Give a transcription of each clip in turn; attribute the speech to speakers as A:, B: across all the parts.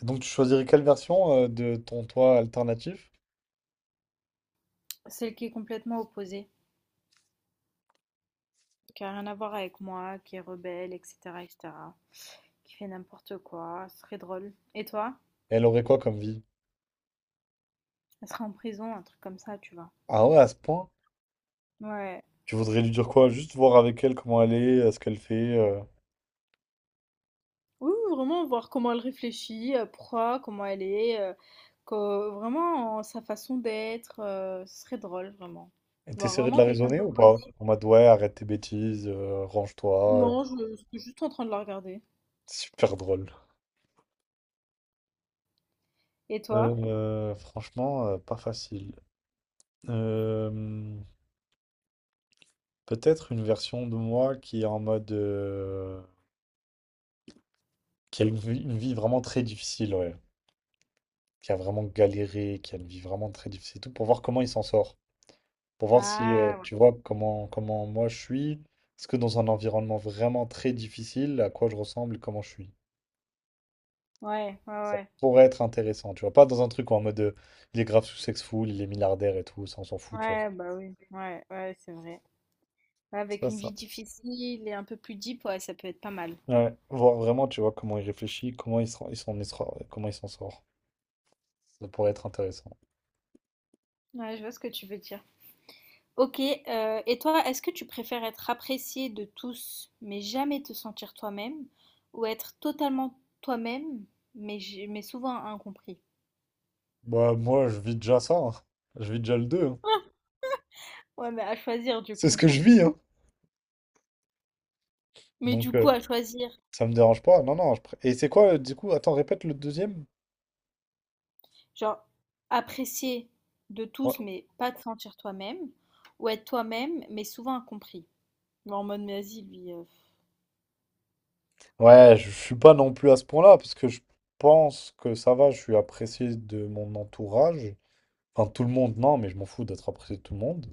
A: Donc tu choisirais quelle version de ton toit alternatif?
B: Celle qui est complètement opposée, qui a rien à voir avec moi, qui est rebelle, etc., etc., qui fait n'importe quoi, ce serait drôle. Et toi?
A: Elle aurait quoi comme vie?
B: Elle serait en prison, un truc comme ça, tu vois.
A: Ah ouais, à ce point?
B: Ouais.
A: Tu voudrais lui dire quoi? Juste voir avec elle comment elle est, ce qu'elle fait.
B: Oui, oui, vraiment voir comment elle réfléchit, pourquoi, comment elle est, vraiment sa façon d'être, ce serait drôle, vraiment.
A: Et
B: Voir
A: t'essaierais de
B: vraiment
A: la
B: quelqu'un
A: raisonner ou pas?
B: d'opposé.
A: En mode ouais, arrête tes bêtises, range-toi.
B: Non, je suis juste en train de la regarder.
A: Super drôle.
B: Et
A: Euh,
B: toi?
A: euh, franchement, pas facile. Euh, peut-être une version de moi qui est en mode... qui a une vie vraiment très difficile, ouais. Qui a vraiment galéré, qui a une vie vraiment très difficile, et tout pour voir comment il s'en sort. Pour voir si
B: Ah, ouais,
A: tu vois comment moi je suis. Est-ce que dans un environnement vraiment très difficile, à quoi je ressemble et comment je suis?
B: ouais, ouais,
A: Ça
B: ouais.
A: pourrait être intéressant, tu vois. Pas dans un truc où en mode il est grave sous-sexful, il est milliardaire et tout, ça on s'en fout, tu vois.
B: Ouais, bah oui, ouais, ouais, c'est vrai.
A: C'est
B: Avec
A: pas
B: une
A: ça.
B: vie difficile et un peu plus deep, ouais, ça peut être pas mal.
A: Ouais, voir vraiment, tu vois, comment il réfléchit, comment il s'en sort. Ça pourrait être intéressant.
B: Ouais, je vois ce que tu veux dire. Ok, et toi, est-ce que tu préfères être apprécié de tous, mais jamais te sentir toi-même, ou être totalement toi-même, mais souvent incompris?
A: Bah, moi, je vis déjà ça, hein. Je vis déjà le deux, hein.
B: Ouais, mais à choisir du
A: C'est ce
B: coup.
A: que je vis, hein.
B: Mais du
A: Donc,
B: coup, à choisir,
A: ça me dérange pas. Non, non. Et c'est quoi, du coup? Attends, répète le deuxième.
B: genre, apprécier de
A: Ouais,
B: tous, mais pas te sentir toi-même, ou être toi-même, mais souvent incompris. Mais en mode, mais vas-y, lui.
A: ouais, je suis pas non plus à ce point-là, parce que je pense que ça va. Je suis apprécié de mon entourage. Enfin, tout le monde, non, mais je m'en fous d'être apprécié de tout le monde.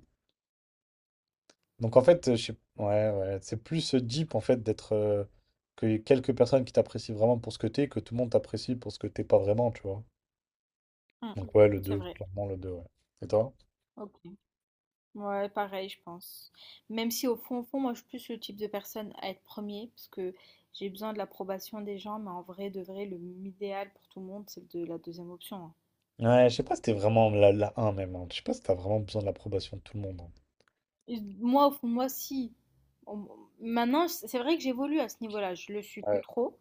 A: Donc, en fait, je sais... ouais, ouais, c'est plus deep, en fait, d'être. Que y ait quelques personnes qui t'apprécient vraiment pour ce que t'es, que tout le monde t'apprécie pour ce que t'es pas vraiment, tu vois.
B: Hum,
A: Donc, ouais, le
B: c'est
A: deux
B: vrai.
A: clairement, le 2 ouais. Et toi?
B: Ok. Ouais, pareil, je pense. Même si au fond, au fond, moi, je suis plus le type de personne à être premier, parce que j'ai besoin de l'approbation des gens, mais en vrai, de vrai, le idéal pour tout le monde, c'est de la deuxième option, hein.
A: Ouais, je sais pas si t'es vraiment la un même, hein. Je sais pas si t'as vraiment besoin de l'approbation de tout le monde, hein.
B: Et moi, au fond, de moi, si. On- Maintenant, c'est vrai que j'évolue à ce niveau-là, je le suis plus
A: Ouais.
B: trop,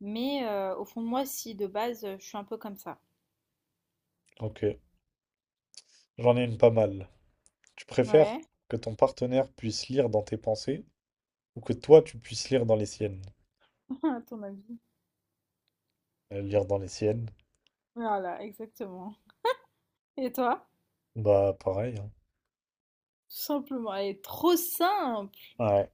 B: mais au fond de moi, si, de base, je suis un peu comme ça.
A: Ok, j'en ai une pas mal. Tu préfères
B: Ouais,
A: que ton partenaire puisse lire dans tes pensées ou que toi tu puisses lire dans les siennes?
B: à ton avis.
A: Lire dans les siennes,
B: Voilà, exactement. Et toi?
A: bah pareil, hein.
B: Tout simplement, elle est trop simple.
A: Ouais.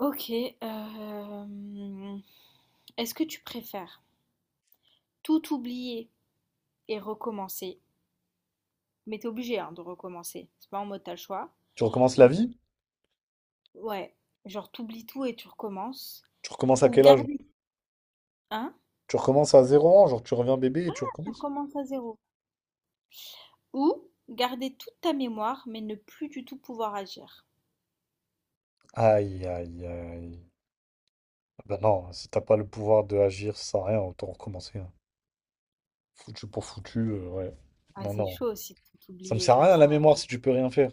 B: Ok, euh, est-ce que tu préfères tout oublier et recommencer. Mais t'es obligé, hein, de recommencer. C'est pas en mode t'as le choix.
A: Tu recommences la
B: Ou
A: vie?
B: ouais, genre t'oublies tout et tu recommences.
A: Tu recommences à
B: Ou
A: quel âge?
B: garder, hein,
A: Tu recommences à zéro ans, genre tu reviens bébé et tu
B: tu
A: recommences?
B: recommences à zéro. Ou garder toute ta mémoire mais ne plus du tout pouvoir agir.
A: Aïe, aïe, aïe. Bah non, si t'as pas le pouvoir de agir, ça sert à rien, autant recommencer, hein. Foutu pour foutu, ouais.
B: Ah,
A: Non,
B: c'est
A: non.
B: chaud aussi de tout
A: Ça me
B: oublier
A: sert à
B: comme
A: rien
B: ça,
A: la
B: hein,
A: mémoire si tu peux rien faire.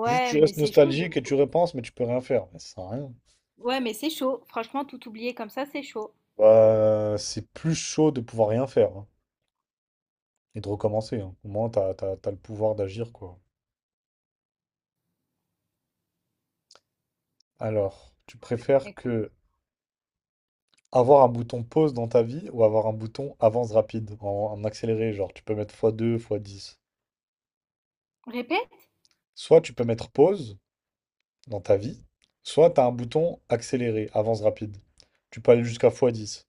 A: Juste, tu
B: mais
A: restes
B: c'est chaud de.
A: nostalgique et tu repenses, mais tu peux rien faire. Mais ça sert à rien.
B: Ouais mais c'est chaud. Franchement tout oublier comme ça c'est chaud.
A: Bah, c'est plus chaud de pouvoir rien faire, hein, et de recommencer, hein. Au moins, t'as le pouvoir d'agir, quoi. Alors, tu préfères
B: Écoute.
A: que avoir un bouton pause dans ta vie ou avoir un bouton avance rapide en, accéléré, genre tu peux mettre x2, x10.
B: Répète.
A: Soit tu peux mettre pause dans ta vie, soit t'as un bouton accéléré, avance rapide. Tu peux aller jusqu'à x10.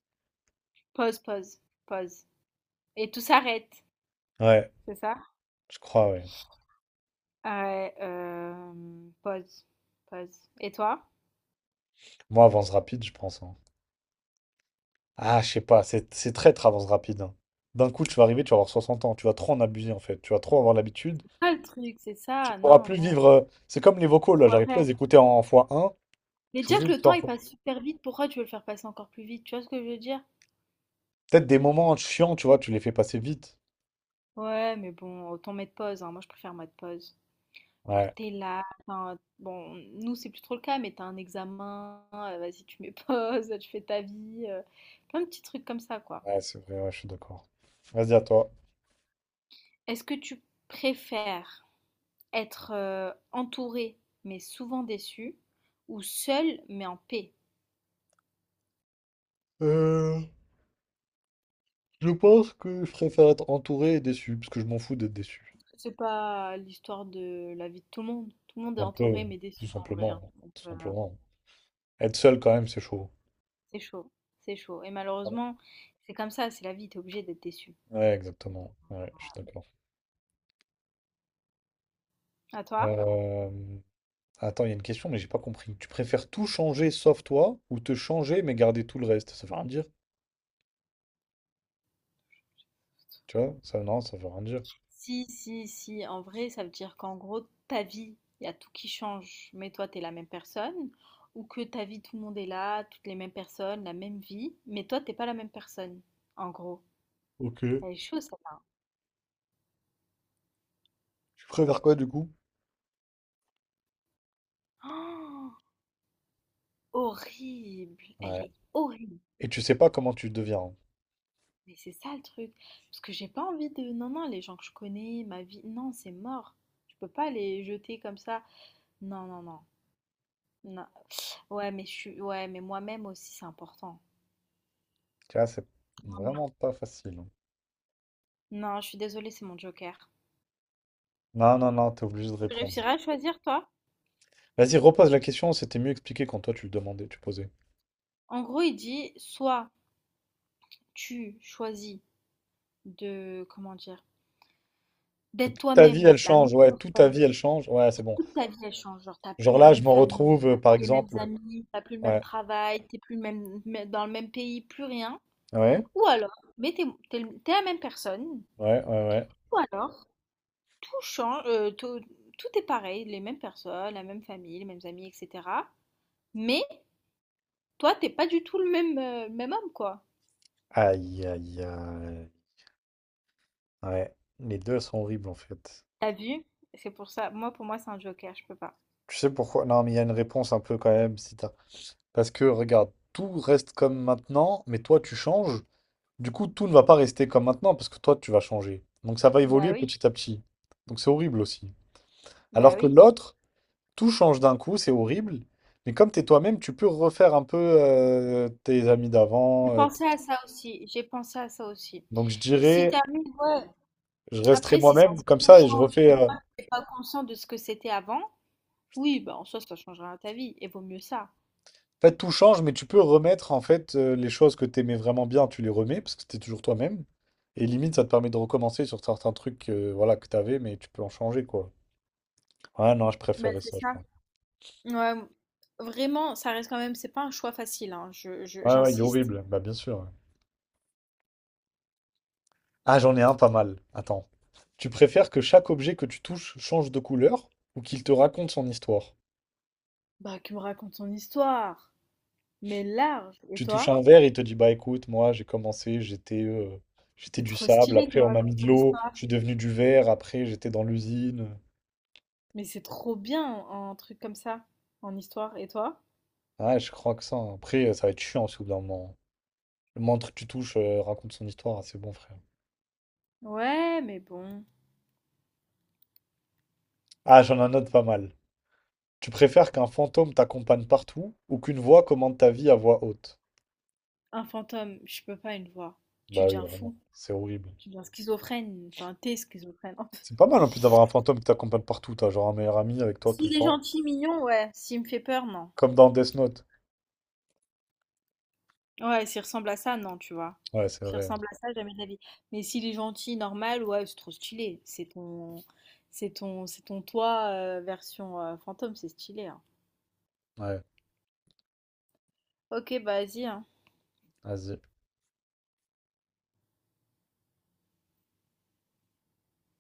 B: Pause, pause, pause. Et tout s'arrête.
A: Ouais,
B: C'est ça?
A: je crois, ouais.
B: Ah ouais, pause, pause. Et toi?
A: Moi, avance rapide, je pense, hein. Ah, je sais pas, c'est très traverse rapide, hein. D'un coup, tu vas arriver, tu vas avoir 60 ans, tu vas trop en abuser en fait, tu vas trop avoir l'habitude,
B: Ah, le truc, c'est
A: tu
B: ça.
A: pourras
B: Non,
A: plus
B: non.
A: vivre. C'est comme les vocaux là,
B: Pourquoi
A: j'arrive plus à
B: faire?
A: les écouter en fois un,
B: Mais
A: je suis
B: déjà
A: obligé
B: que le
A: d'écouter
B: temps
A: en
B: il
A: x.
B: passe super vite, pourquoi tu veux le faire passer encore plus vite? Tu vois ce que je veux dire?
A: Peut-être des moments chiants, tu vois, tu les fais passer vite.
B: Ouais, mais bon, autant mettre pause, hein. Moi, je préfère mettre pause. Genre,
A: Ouais,
B: t'es là. Bon, nous, c'est plus trop le cas, mais t'as un examen. Vas-y, tu mets pause, tu fais ta vie. Plein de petits trucs comme ça, quoi.
A: ouais, c'est vrai, ouais, je suis d'accord. Vas-y, à toi.
B: Est-ce que tu préfères être entouré, mais souvent déçu, ou seul, mais en paix?
A: Euh, je pense que je préfère être entouré et déçu, parce que je m'en fous d'être déçu.
B: C'est pas l'histoire de la vie de tout le monde. Tout le monde est
A: Un peu,
B: entouré mais
A: tout
B: déçu en vrai,
A: simplement,
B: hein.
A: hein,
B: Donc
A: tout simplement. Être seul quand même, c'est chaud.
B: c'est chaud, c'est chaud. Et malheureusement, c'est comme ça, c'est la vie, t'es obligé d'être déçu.
A: Ouais, exactement. Ouais, je suis d'accord.
B: À toi?
A: Euh, Attends il y a une question, mais j'ai pas compris. Tu préfères tout changer sauf toi ou te changer mais garder tout le reste? Ça veut rien dire. Tu vois? Ça, non, ça veut rien dire.
B: Si, si, si, en vrai, ça veut dire qu'en gros, ta vie, il y a tout qui change, mais toi, t'es la même personne, ou que ta vie, tout le monde est là, toutes les mêmes personnes, la même vie, mais toi, t'es pas la même personne, en gros.
A: Ok.
B: Elle est chaude, celle-là.
A: Tu préfères quoi du coup?
B: Oh, horrible, elle
A: Ouais.
B: est horrible.
A: Et tu sais pas comment tu deviens, hein.
B: Mais c'est ça le truc. Parce que j'ai pas envie de. Non, non, les gens que je connais, ma vie. Non, c'est mort. Je peux pas les jeter comme ça. Non, non, non. Non. Ouais, mais je suis. Ouais, mais moi-même aussi, c'est important.
A: Tu vois, c'est
B: Moi-même.
A: vraiment pas facile, hein.
B: Non, je suis désolée, c'est mon joker.
A: Non, non, non, t'es obligé de
B: Tu
A: répondre.
B: réussiras à choisir, toi?
A: Vas-y, repose la question, c'était mieux expliqué quand toi tu le demandais, tu posais.
B: En gros, il dit soit tu choisis de. Comment dire?
A: Que
B: D'être
A: toute ta vie
B: toi-même,
A: elle
B: la même
A: change, ouais, toute ta
B: personne.
A: vie elle change, ouais, c'est bon.
B: Toute ta vie, elle change. Genre, t'as plus
A: Genre
B: la
A: là, je
B: même
A: m'en
B: famille,
A: retrouve,
B: t'as
A: par
B: plus les mêmes
A: exemple, ouais,
B: amis, t'as plus le même
A: ouais,
B: travail, t'es plus le même, dans le même pays, plus rien.
A: ouais,
B: Ou alors, t'es la même personne.
A: ouais, ouais.
B: Ou alors, tout change, tout est pareil, les mêmes personnes, la même famille, les mêmes amis, etc. Mais toi, t'es pas du tout le même homme, quoi.
A: Aïe, aïe, aïe. Ouais, les deux sont horribles en fait.
B: T'as vu? C'est pour ça, moi, pour moi, c'est un joker, je peux pas.
A: Tu sais pourquoi? Non, mais il y a une réponse un peu quand même. Si t'as- Parce que regarde, tout reste comme maintenant, mais toi tu changes. Du coup, tout ne va pas rester comme maintenant parce que toi tu vas changer. Donc ça va
B: Bah
A: évoluer
B: oui,
A: petit à petit. Donc c'est horrible aussi.
B: bah
A: Alors que
B: oui.
A: l'autre, tout change d'un coup, c'est horrible. Mais comme t'es toi-même, tu peux refaire un peu tes amis
B: J'ai
A: d'avant.
B: pensé à ça aussi, j'ai pensé à ça aussi.
A: Donc je
B: Si
A: dirais,
B: t'arrives, ouais.
A: je resterai
B: Après, si ça
A: moi-même comme
B: un
A: ça et je
B: change
A: refais.
B: et pas, t'es pas conscient de ce que c'était avant, oui, bah en soi, ça changera ta vie, et vaut mieux ça.
A: En fait, tout change, mais tu peux remettre en fait les choses que t'aimais vraiment bien, tu les remets parce que t'es toujours toi-même. Et limite, ça te permet de recommencer sur certains trucs, voilà, que t'avais, mais tu peux en changer quoi. Ouais, non, je
B: Bah
A: préférais
B: c'est
A: ça, je
B: ça.
A: pense.
B: Ouais, vraiment, ça reste quand même, c'est pas un choix facile, hein,
A: Ouais, ouais, il est
B: j'insiste.
A: horrible. Bah, bien sûr, ouais. Ah, j'en ai un pas mal. Attends. Tu préfères que chaque objet que tu touches change de couleur ou qu'il te raconte son histoire?
B: Bah, qui me raconte son histoire, mais large. Et
A: Tu touches
B: toi?
A: un verre, il te dit, bah écoute, moi j'ai commencé, j'étais
B: C'est
A: du
B: trop
A: sable,
B: stylé qui
A: après
B: me
A: on m'a
B: raconte
A: mis de
B: son
A: l'eau,
B: histoire.
A: je suis devenu du verre, après j'étais dans l'usine.
B: Mais c'est trop bien un truc comme ça, en histoire. Et toi?
A: Ouais, je crois que ça, hein. Après, ça va être chiant aussi au bout d'un moment. Le montre que tu touches raconte son histoire, c'est bon, frère.
B: Ouais, mais bon,
A: Ah, j'en ai un autre pas mal. Tu préfères qu'un fantôme t'accompagne partout ou qu'une voix commande ta vie à voix haute?
B: un fantôme, je peux pas une voix. Tu
A: Bah oui,
B: deviens
A: vraiment.
B: fou,
A: C'est horrible.
B: tu deviens schizophrène, enfin, t'es schizophrène.
A: C'est pas mal en plus d'avoir un fantôme qui t'accompagne partout. T'as genre un meilleur ami avec toi tout le
B: S'il est
A: temps.
B: gentil, mignon, ouais. S'il me fait peur, non.
A: Comme dans Death Note.
B: Ouais, s'il ressemble à ça, non, tu vois.
A: Ouais, c'est
B: S'il
A: vrai.
B: ressemble à ça, jamais de la vie. Mais s'il est gentil, normal, ouais, c'est trop stylé. C'est ton toi version fantôme, c'est stylé, hein.
A: Ouais,
B: Ok, bah vas-y, hein.
A: vas-y.